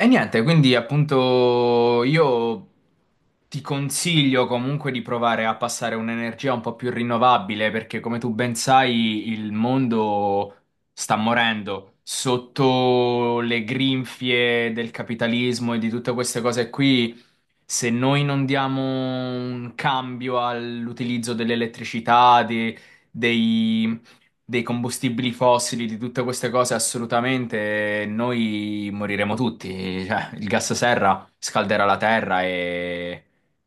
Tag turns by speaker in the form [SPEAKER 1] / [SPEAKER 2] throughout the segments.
[SPEAKER 1] E niente, quindi appunto io ti consiglio comunque di provare a passare un'energia un po' più rinnovabile perché come tu ben sai il mondo sta morendo sotto le grinfie del capitalismo e di tutte queste cose qui se noi non diamo un cambio all'utilizzo dell'elettricità, dei, dei combustibili fossili, di tutte queste cose, assolutamente noi moriremo tutti. Cioè, il gas serra scalderà la terra e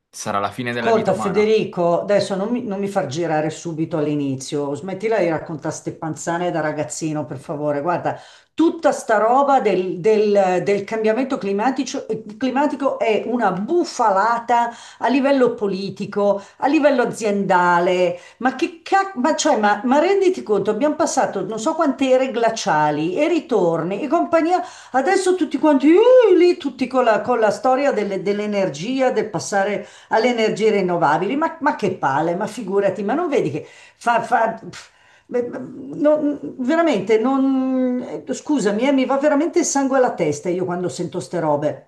[SPEAKER 1] sarà la fine della vita
[SPEAKER 2] Ascolta
[SPEAKER 1] umana.
[SPEAKER 2] Federico, adesso non mi far girare subito all'inizio, smettila di raccontare ste panzane da ragazzino, per favore. Guarda, tutta sta roba del cambiamento climatico è una bufalata a livello politico, a livello aziendale. Ma che cacchio, ma, cioè, ma renditi conto, abbiamo passato non so quante ere glaciali e ritorni e compagnia. Adesso tutti quanti, lì, tutti con la storia dell'energia, del passare alle energie rinnovabili, ma che palle, ma figurati, ma non vedi che beh, beh, veramente, non, scusami, mi va veramente il sangue alla testa io quando sento ste robe.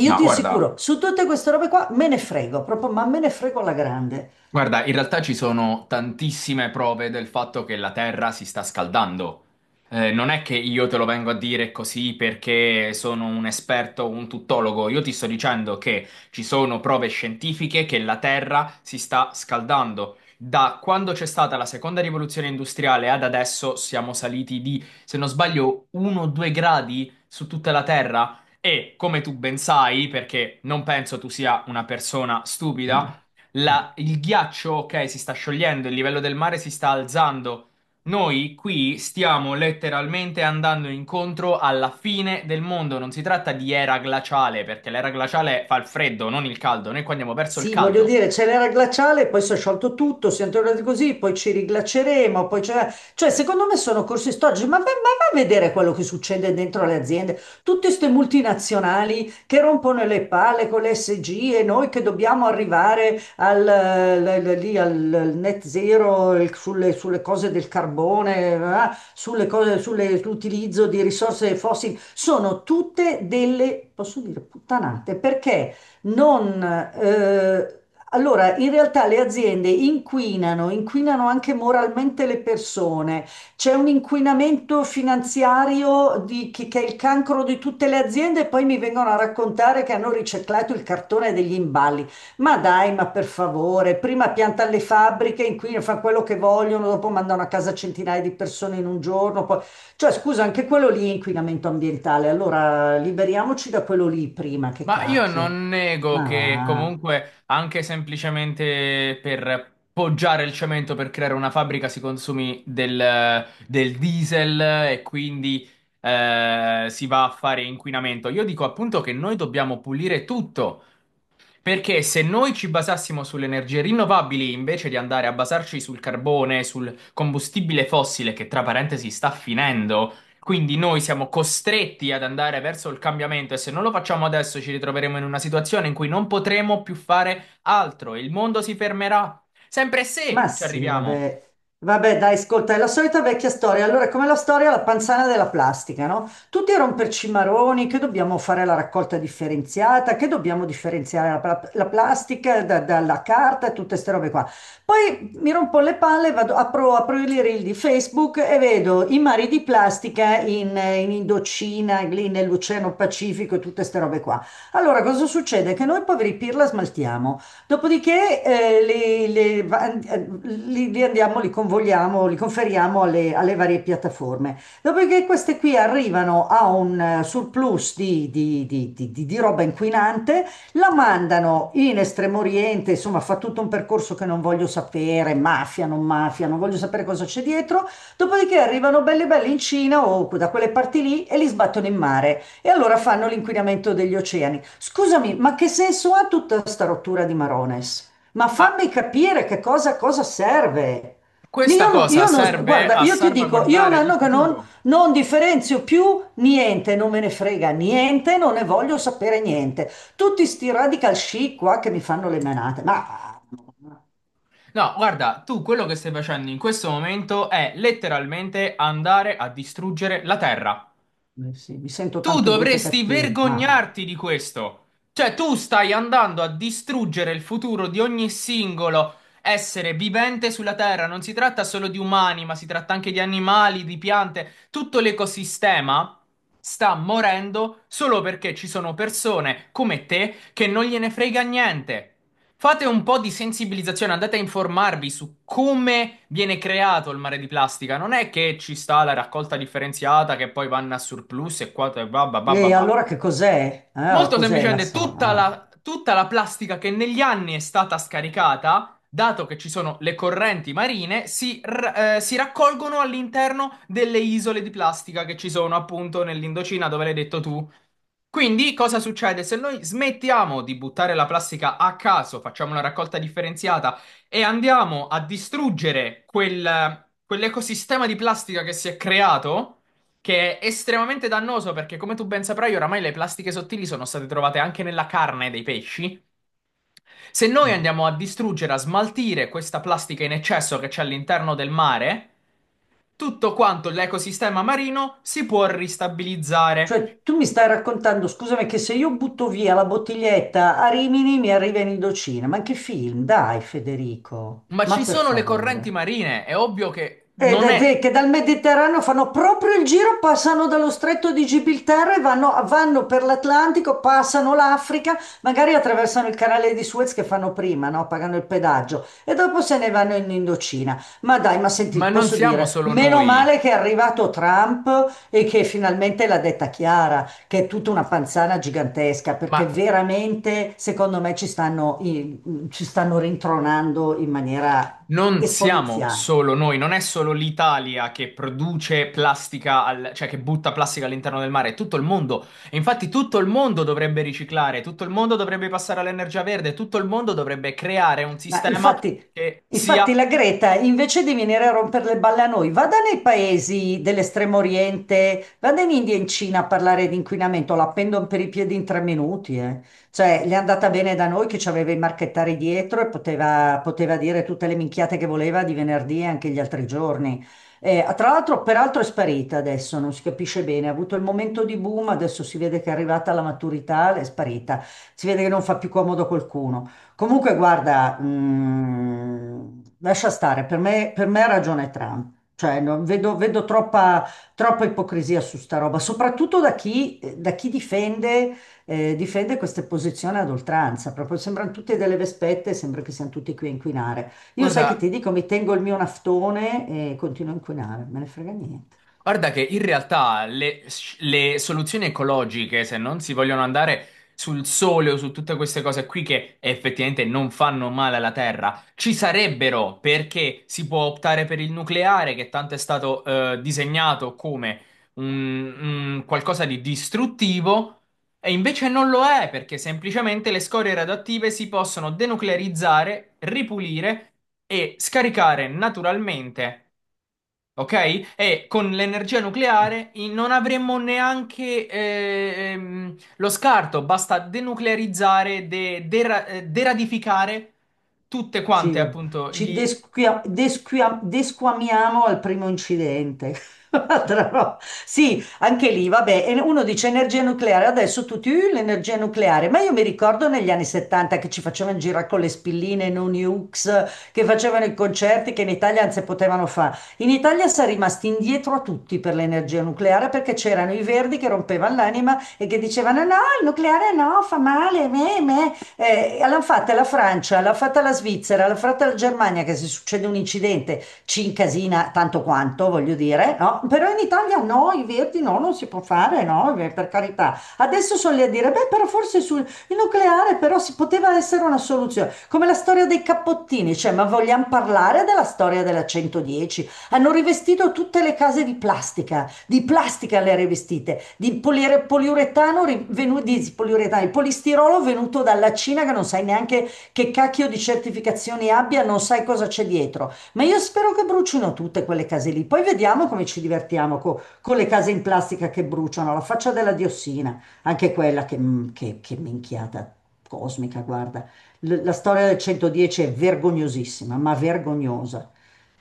[SPEAKER 2] Io
[SPEAKER 1] No,
[SPEAKER 2] ti
[SPEAKER 1] guarda.
[SPEAKER 2] assicuro, su tutte queste robe qua me ne frego, proprio, ma me ne frego alla grande.
[SPEAKER 1] Guarda, in realtà ci sono tantissime prove del fatto che la Terra si sta scaldando. Non è che io te lo vengo a dire così perché sono un esperto, un tuttologo. Io ti sto dicendo che ci sono prove scientifiche che la Terra si sta scaldando. Da quando c'è stata la seconda rivoluzione industriale ad adesso siamo saliti di, se non sbaglio, 1-2 gradi su tutta la Terra. E come tu ben sai, perché non penso tu sia una persona stupida
[SPEAKER 2] Mm.
[SPEAKER 1] il ghiaccio, ok, si sta sciogliendo, il livello del mare si sta alzando. Noi qui stiamo letteralmente andando incontro alla fine del mondo. Non si tratta di era glaciale, perché l'era glaciale fa il freddo, non il caldo. Noi qua andiamo verso il
[SPEAKER 2] Sì, voglio
[SPEAKER 1] caldo.
[SPEAKER 2] dire, c'è l'era glaciale, poi si è sciolto tutto, siamo tornati così, poi ci riglaceremo, poi c'è. Cioè, secondo me sono corsi storici, ma va a vedere quello che succede dentro le aziende. Tutte queste multinazionali che rompono le palle con le SG e noi che dobbiamo arrivare al, l- l- lì al- al net zero sulle cose del carbone, sulle cose, sull'utilizzo di risorse fossili, sono tutte delle, posso dire, puttanate, perché? Non, Allora, in realtà le aziende inquinano, inquinano anche moralmente le persone. C'è un inquinamento finanziario che è il cancro di tutte le aziende e poi mi vengono a raccontare che hanno riciclato il cartone degli imballi. Ma dai, ma per favore, prima piantano le fabbriche, inquinano, fanno quello che vogliono, dopo mandano a casa centinaia di persone in un giorno. Cioè, scusa, anche quello lì è inquinamento ambientale. Allora, liberiamoci da quello lì prima, che
[SPEAKER 1] Ma io
[SPEAKER 2] cacchio.
[SPEAKER 1] non nego
[SPEAKER 2] Ma va,
[SPEAKER 1] che comunque anche semplicemente per poggiare il cemento per creare una fabbrica si consumi del diesel e quindi si va a fare inquinamento. Io dico appunto che noi dobbiamo pulire tutto. Perché se noi ci basassimo sulle energie rinnovabili invece di andare a basarci sul carbone, sul combustibile fossile che tra parentesi sta finendo, quindi noi siamo costretti ad andare verso il cambiamento e se non lo facciamo adesso ci ritroveremo in una situazione in cui non potremo più fare altro, il mondo si fermerà, sempre
[SPEAKER 2] ma
[SPEAKER 1] se ci
[SPEAKER 2] sì,
[SPEAKER 1] arriviamo.
[SPEAKER 2] vabbè. Vabbè, dai, ascolta, è la solita vecchia storia. Allora, è come la storia della panzana della plastica, no? Tutti a romperci i maroni, che dobbiamo fare la raccolta differenziata, che dobbiamo differenziare la plastica dalla carta e tutte queste robe qua. Poi mi rompo le palle, vado, apro i reel di Facebook e vedo i mari di plastica in Indocina, lì nell'Oceano Pacifico e tutte queste robe qua. Allora, cosa succede? Che noi poveri pirla smaltiamo. Dopodiché li andiamo, li convogliamo, li conferiamo alle varie piattaforme. Dopodiché queste qui arrivano a un surplus di roba inquinante, la mandano in Estremo Oriente, insomma fa tutto un percorso che non voglio sapere, mafia, non voglio sapere cosa c'è dietro. Dopodiché arrivano belli belli in Cina o da quelle parti lì e li sbattono in mare. E allora fanno l'inquinamento degli oceani. Scusami, ma che senso ha tutta sta rottura di Marones? Ma
[SPEAKER 1] Ma
[SPEAKER 2] fammi capire che cosa serve.
[SPEAKER 1] questa cosa
[SPEAKER 2] Io non-
[SPEAKER 1] serve
[SPEAKER 2] Guarda,
[SPEAKER 1] a
[SPEAKER 2] io ti dico, io è un
[SPEAKER 1] salvaguardare il
[SPEAKER 2] anno che non,
[SPEAKER 1] futuro.
[SPEAKER 2] non differenzio più niente, non me ne frega niente, non ne voglio sapere niente. Tutti sti radical chic qua che mi fanno le menate,
[SPEAKER 1] No, guarda, tu quello che stai facendo in questo momento è letteralmente andare a distruggere la Terra.
[SPEAKER 2] eh sì, mi sento
[SPEAKER 1] Tu
[SPEAKER 2] tanto brutta e
[SPEAKER 1] dovresti
[SPEAKER 2] cattiva,
[SPEAKER 1] vergognarti di questo. Cioè, tu stai andando a distruggere il futuro di ogni singolo essere vivente sulla Terra. Non si tratta solo di umani, ma si tratta anche di animali, di piante. Tutto l'ecosistema sta morendo solo perché ci sono persone come te che non gliene frega niente. Fate un po' di sensibilizzazione, andate a informarvi su come viene creato il mare di plastica. Non è che ci sta la raccolta differenziata che poi vanno a surplus e qua e va, va, va, va,
[SPEAKER 2] e
[SPEAKER 1] va.
[SPEAKER 2] allora che cos'è? Oh,
[SPEAKER 1] Molto
[SPEAKER 2] cos'è la
[SPEAKER 1] semplicemente,
[SPEAKER 2] storia?
[SPEAKER 1] tutta la plastica che negli anni è stata scaricata, dato che ci sono le correnti marine, si raccolgono all'interno delle isole di plastica che ci sono appunto nell'Indocina, dove l'hai detto tu. Quindi cosa succede? Se noi smettiamo di buttare la plastica a caso, facciamo una raccolta differenziata e andiamo a distruggere quell'ecosistema di plastica che si è creato, che è estremamente dannoso perché come tu ben saprai oramai le plastiche sottili sono state trovate anche nella carne dei pesci. Se noi andiamo
[SPEAKER 2] Ma-
[SPEAKER 1] a distruggere, a smaltire questa plastica in eccesso che c'è all'interno del mare, tutto quanto l'ecosistema marino si può ristabilizzare.
[SPEAKER 2] Cioè, tu mi stai raccontando, scusami, che se io butto via la bottiglietta a Rimini mi arriva in Indocina. Ma che film? Dai, Federico,
[SPEAKER 1] Ma
[SPEAKER 2] ma
[SPEAKER 1] ci
[SPEAKER 2] per
[SPEAKER 1] sono le correnti
[SPEAKER 2] favore.
[SPEAKER 1] marine, è ovvio che
[SPEAKER 2] E
[SPEAKER 1] non
[SPEAKER 2] da-
[SPEAKER 1] è,
[SPEAKER 2] de- che dal Mediterraneo fanno proprio il giro, passano dallo stretto di Gibilterra e vanno, per l'Atlantico, passano l'Africa, magari attraversano il canale di Suez che fanno prima, no? Pagano il pedaggio e dopo se ne vanno in Indocina. Ma dai, ma senti,
[SPEAKER 1] ma non
[SPEAKER 2] posso
[SPEAKER 1] siamo
[SPEAKER 2] dire,
[SPEAKER 1] solo
[SPEAKER 2] meno
[SPEAKER 1] noi,
[SPEAKER 2] male che è arrivato Trump e che finalmente l'ha detta chiara, che è tutta una panzana gigantesca,
[SPEAKER 1] ma
[SPEAKER 2] perché veramente, secondo me, ci stanno rintronando in maniera
[SPEAKER 1] non siamo
[SPEAKER 2] esponenziale.
[SPEAKER 1] solo noi, non è solo l'Italia che produce plastica, cioè che butta plastica all'interno del mare, è tutto il mondo. E infatti tutto il mondo dovrebbe riciclare, tutto il mondo dovrebbe passare all'energia verde, tutto il mondo dovrebbe creare un
[SPEAKER 2] Ma
[SPEAKER 1] sistema
[SPEAKER 2] infatti,
[SPEAKER 1] che
[SPEAKER 2] infatti
[SPEAKER 1] sia,
[SPEAKER 2] la Greta, invece di venire a rompere le balle a noi, vada nei paesi dell'estremo oriente, vada in India e in Cina a parlare di inquinamento, la pendono per i piedi in 3 minuti. Eh. Cioè, le è andata bene da noi che ci aveva i marchettari dietro e poteva dire tutte le minchiate che voleva di venerdì e anche gli altri giorni. Tra l'altro, peraltro è sparita adesso, non si capisce bene, ha avuto il momento di boom, adesso si vede che è arrivata alla maturità, è sparita, si vede che non fa più comodo a qualcuno. Comunque, guarda, lascia stare, per me ha ragione Trump. Cioè, vedo troppa ipocrisia su sta roba, soprattutto da chi difende queste posizioni ad oltranza. Proprio sembrano tutte delle vespette, sembra che siamo tutti qui a inquinare. Io sai che ti
[SPEAKER 1] guarda.
[SPEAKER 2] dico, mi tengo il mio naftone e continuo a inquinare, me ne frega niente.
[SPEAKER 1] Guarda che in realtà le soluzioni ecologiche, se non si vogliono andare sul sole o su tutte queste cose qui che effettivamente non fanno male alla Terra, ci sarebbero perché si può optare per il nucleare, che tanto è stato disegnato come un, un qualcosa di distruttivo, e invece non lo è perché semplicemente le scorie radioattive si possono denuclearizzare, ripulire e scaricare naturalmente. Ok? E con l'energia nucleare non avremmo neanche lo scarto, basta denuclearizzare, deradificare tutte
[SPEAKER 2] Sì,
[SPEAKER 1] quante, appunto,
[SPEAKER 2] ci
[SPEAKER 1] gli...
[SPEAKER 2] desquia- desquia- desquamiamo al primo incidente. Altra roba. Sì, anche lì, vabbè, e uno dice energia nucleare, adesso tutti, l'energia nucleare, ma io mi ricordo negli anni 70 che ci facevano girare con le spilline non nukes, che facevano i concerti che in Italia non si potevano fare. In Italia si è rimasti indietro a tutti per l'energia nucleare perché c'erano i verdi che rompevano l'anima e che dicevano no, il nucleare no, fa male, me, me. L'hanno fatta la Francia, l'ha fatta la Svizzera, l'ha fatta la Germania, che se succede un incidente ci incasina tanto quanto, voglio dire, no? Però in Italia no, i verdi no, non si può fare, no, per carità. Adesso sono lì a dire, beh, però forse sul il nucleare però si poteva essere una soluzione, come la storia dei cappottini, cioè, ma vogliamo parlare della storia della 110? Hanno rivestito tutte le case di plastica le rivestite, di poliuretano, di polistirolo venuto dalla Cina che non sai neanche che cacchio di certificazioni abbia, non sai cosa c'è dietro. Ma io spero che bruciino tutte quelle case lì. Poi vediamo come ci divertiamo con le case in plastica che bruciano, la faccia della diossina, anche quella che minchiata cosmica, guarda. La storia del 110 è vergognosissima, ma vergognosa.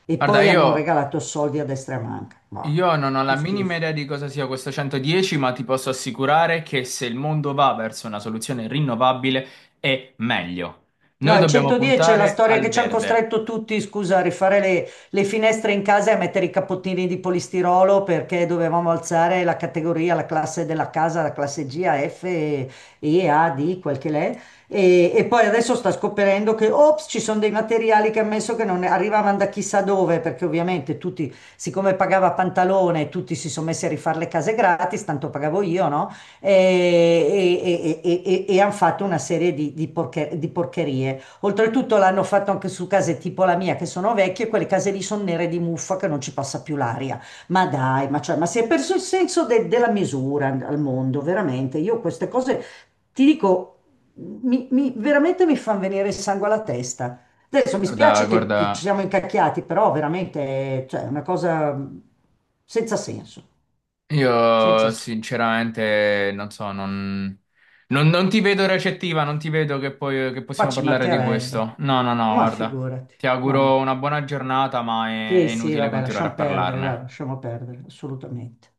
[SPEAKER 2] E
[SPEAKER 1] Guarda,
[SPEAKER 2] poi hanno regalato soldi a destra e a manca. Ma
[SPEAKER 1] io
[SPEAKER 2] guarda,
[SPEAKER 1] non ho la
[SPEAKER 2] uno
[SPEAKER 1] minima
[SPEAKER 2] schifo.
[SPEAKER 1] idea di cosa sia questo 110, ma ti posso assicurare che se il mondo va verso una soluzione rinnovabile è meglio.
[SPEAKER 2] No,
[SPEAKER 1] Noi
[SPEAKER 2] al
[SPEAKER 1] dobbiamo
[SPEAKER 2] 110 c'è la
[SPEAKER 1] puntare
[SPEAKER 2] storia
[SPEAKER 1] al
[SPEAKER 2] che ci hanno
[SPEAKER 1] verde.
[SPEAKER 2] costretto tutti, scusa, a rifare le finestre in casa e a mettere i cappottini di polistirolo perché dovevamo alzare la categoria, la classe della casa, la classe G, A, F, E, A, D, quel che l'è. E poi adesso sta scoprendo che, ops, ci sono dei materiali che ha messo che non arrivavano da chissà dove, perché ovviamente tutti, siccome pagava Pantalone, tutti si sono messi a rifare le case gratis, tanto pagavo io, no? E hanno fatto una serie di porcherie. Oltretutto l'hanno fatto anche su case tipo la mia che sono vecchie, quelle case lì sono nere di muffa che non ci passa più l'aria. Ma dai, ma, cioè, ma si è perso il senso della misura al mondo, veramente. Io queste cose ti dico, veramente mi fanno venire il sangue alla testa. Adesso mi
[SPEAKER 1] Guarda,
[SPEAKER 2] spiace che, ci
[SPEAKER 1] guarda.
[SPEAKER 2] siamo incacchiati, però veramente, cioè, è una cosa senza senso, senza
[SPEAKER 1] Io
[SPEAKER 2] senso.
[SPEAKER 1] sinceramente non ti vedo recettiva, non ti vedo che, poi, che
[SPEAKER 2] Ma
[SPEAKER 1] possiamo
[SPEAKER 2] ci
[SPEAKER 1] parlare di questo.
[SPEAKER 2] mancherebbe,
[SPEAKER 1] No, no, no,
[SPEAKER 2] ma
[SPEAKER 1] guarda,
[SPEAKER 2] figurati.
[SPEAKER 1] ti auguro
[SPEAKER 2] Ma.
[SPEAKER 1] una buona giornata, ma è
[SPEAKER 2] Sì, sì,
[SPEAKER 1] inutile
[SPEAKER 2] vabbè,
[SPEAKER 1] continuare a
[SPEAKER 2] lasciamo perdere, guarda,
[SPEAKER 1] parlarne.
[SPEAKER 2] lasciamo perdere, assolutamente.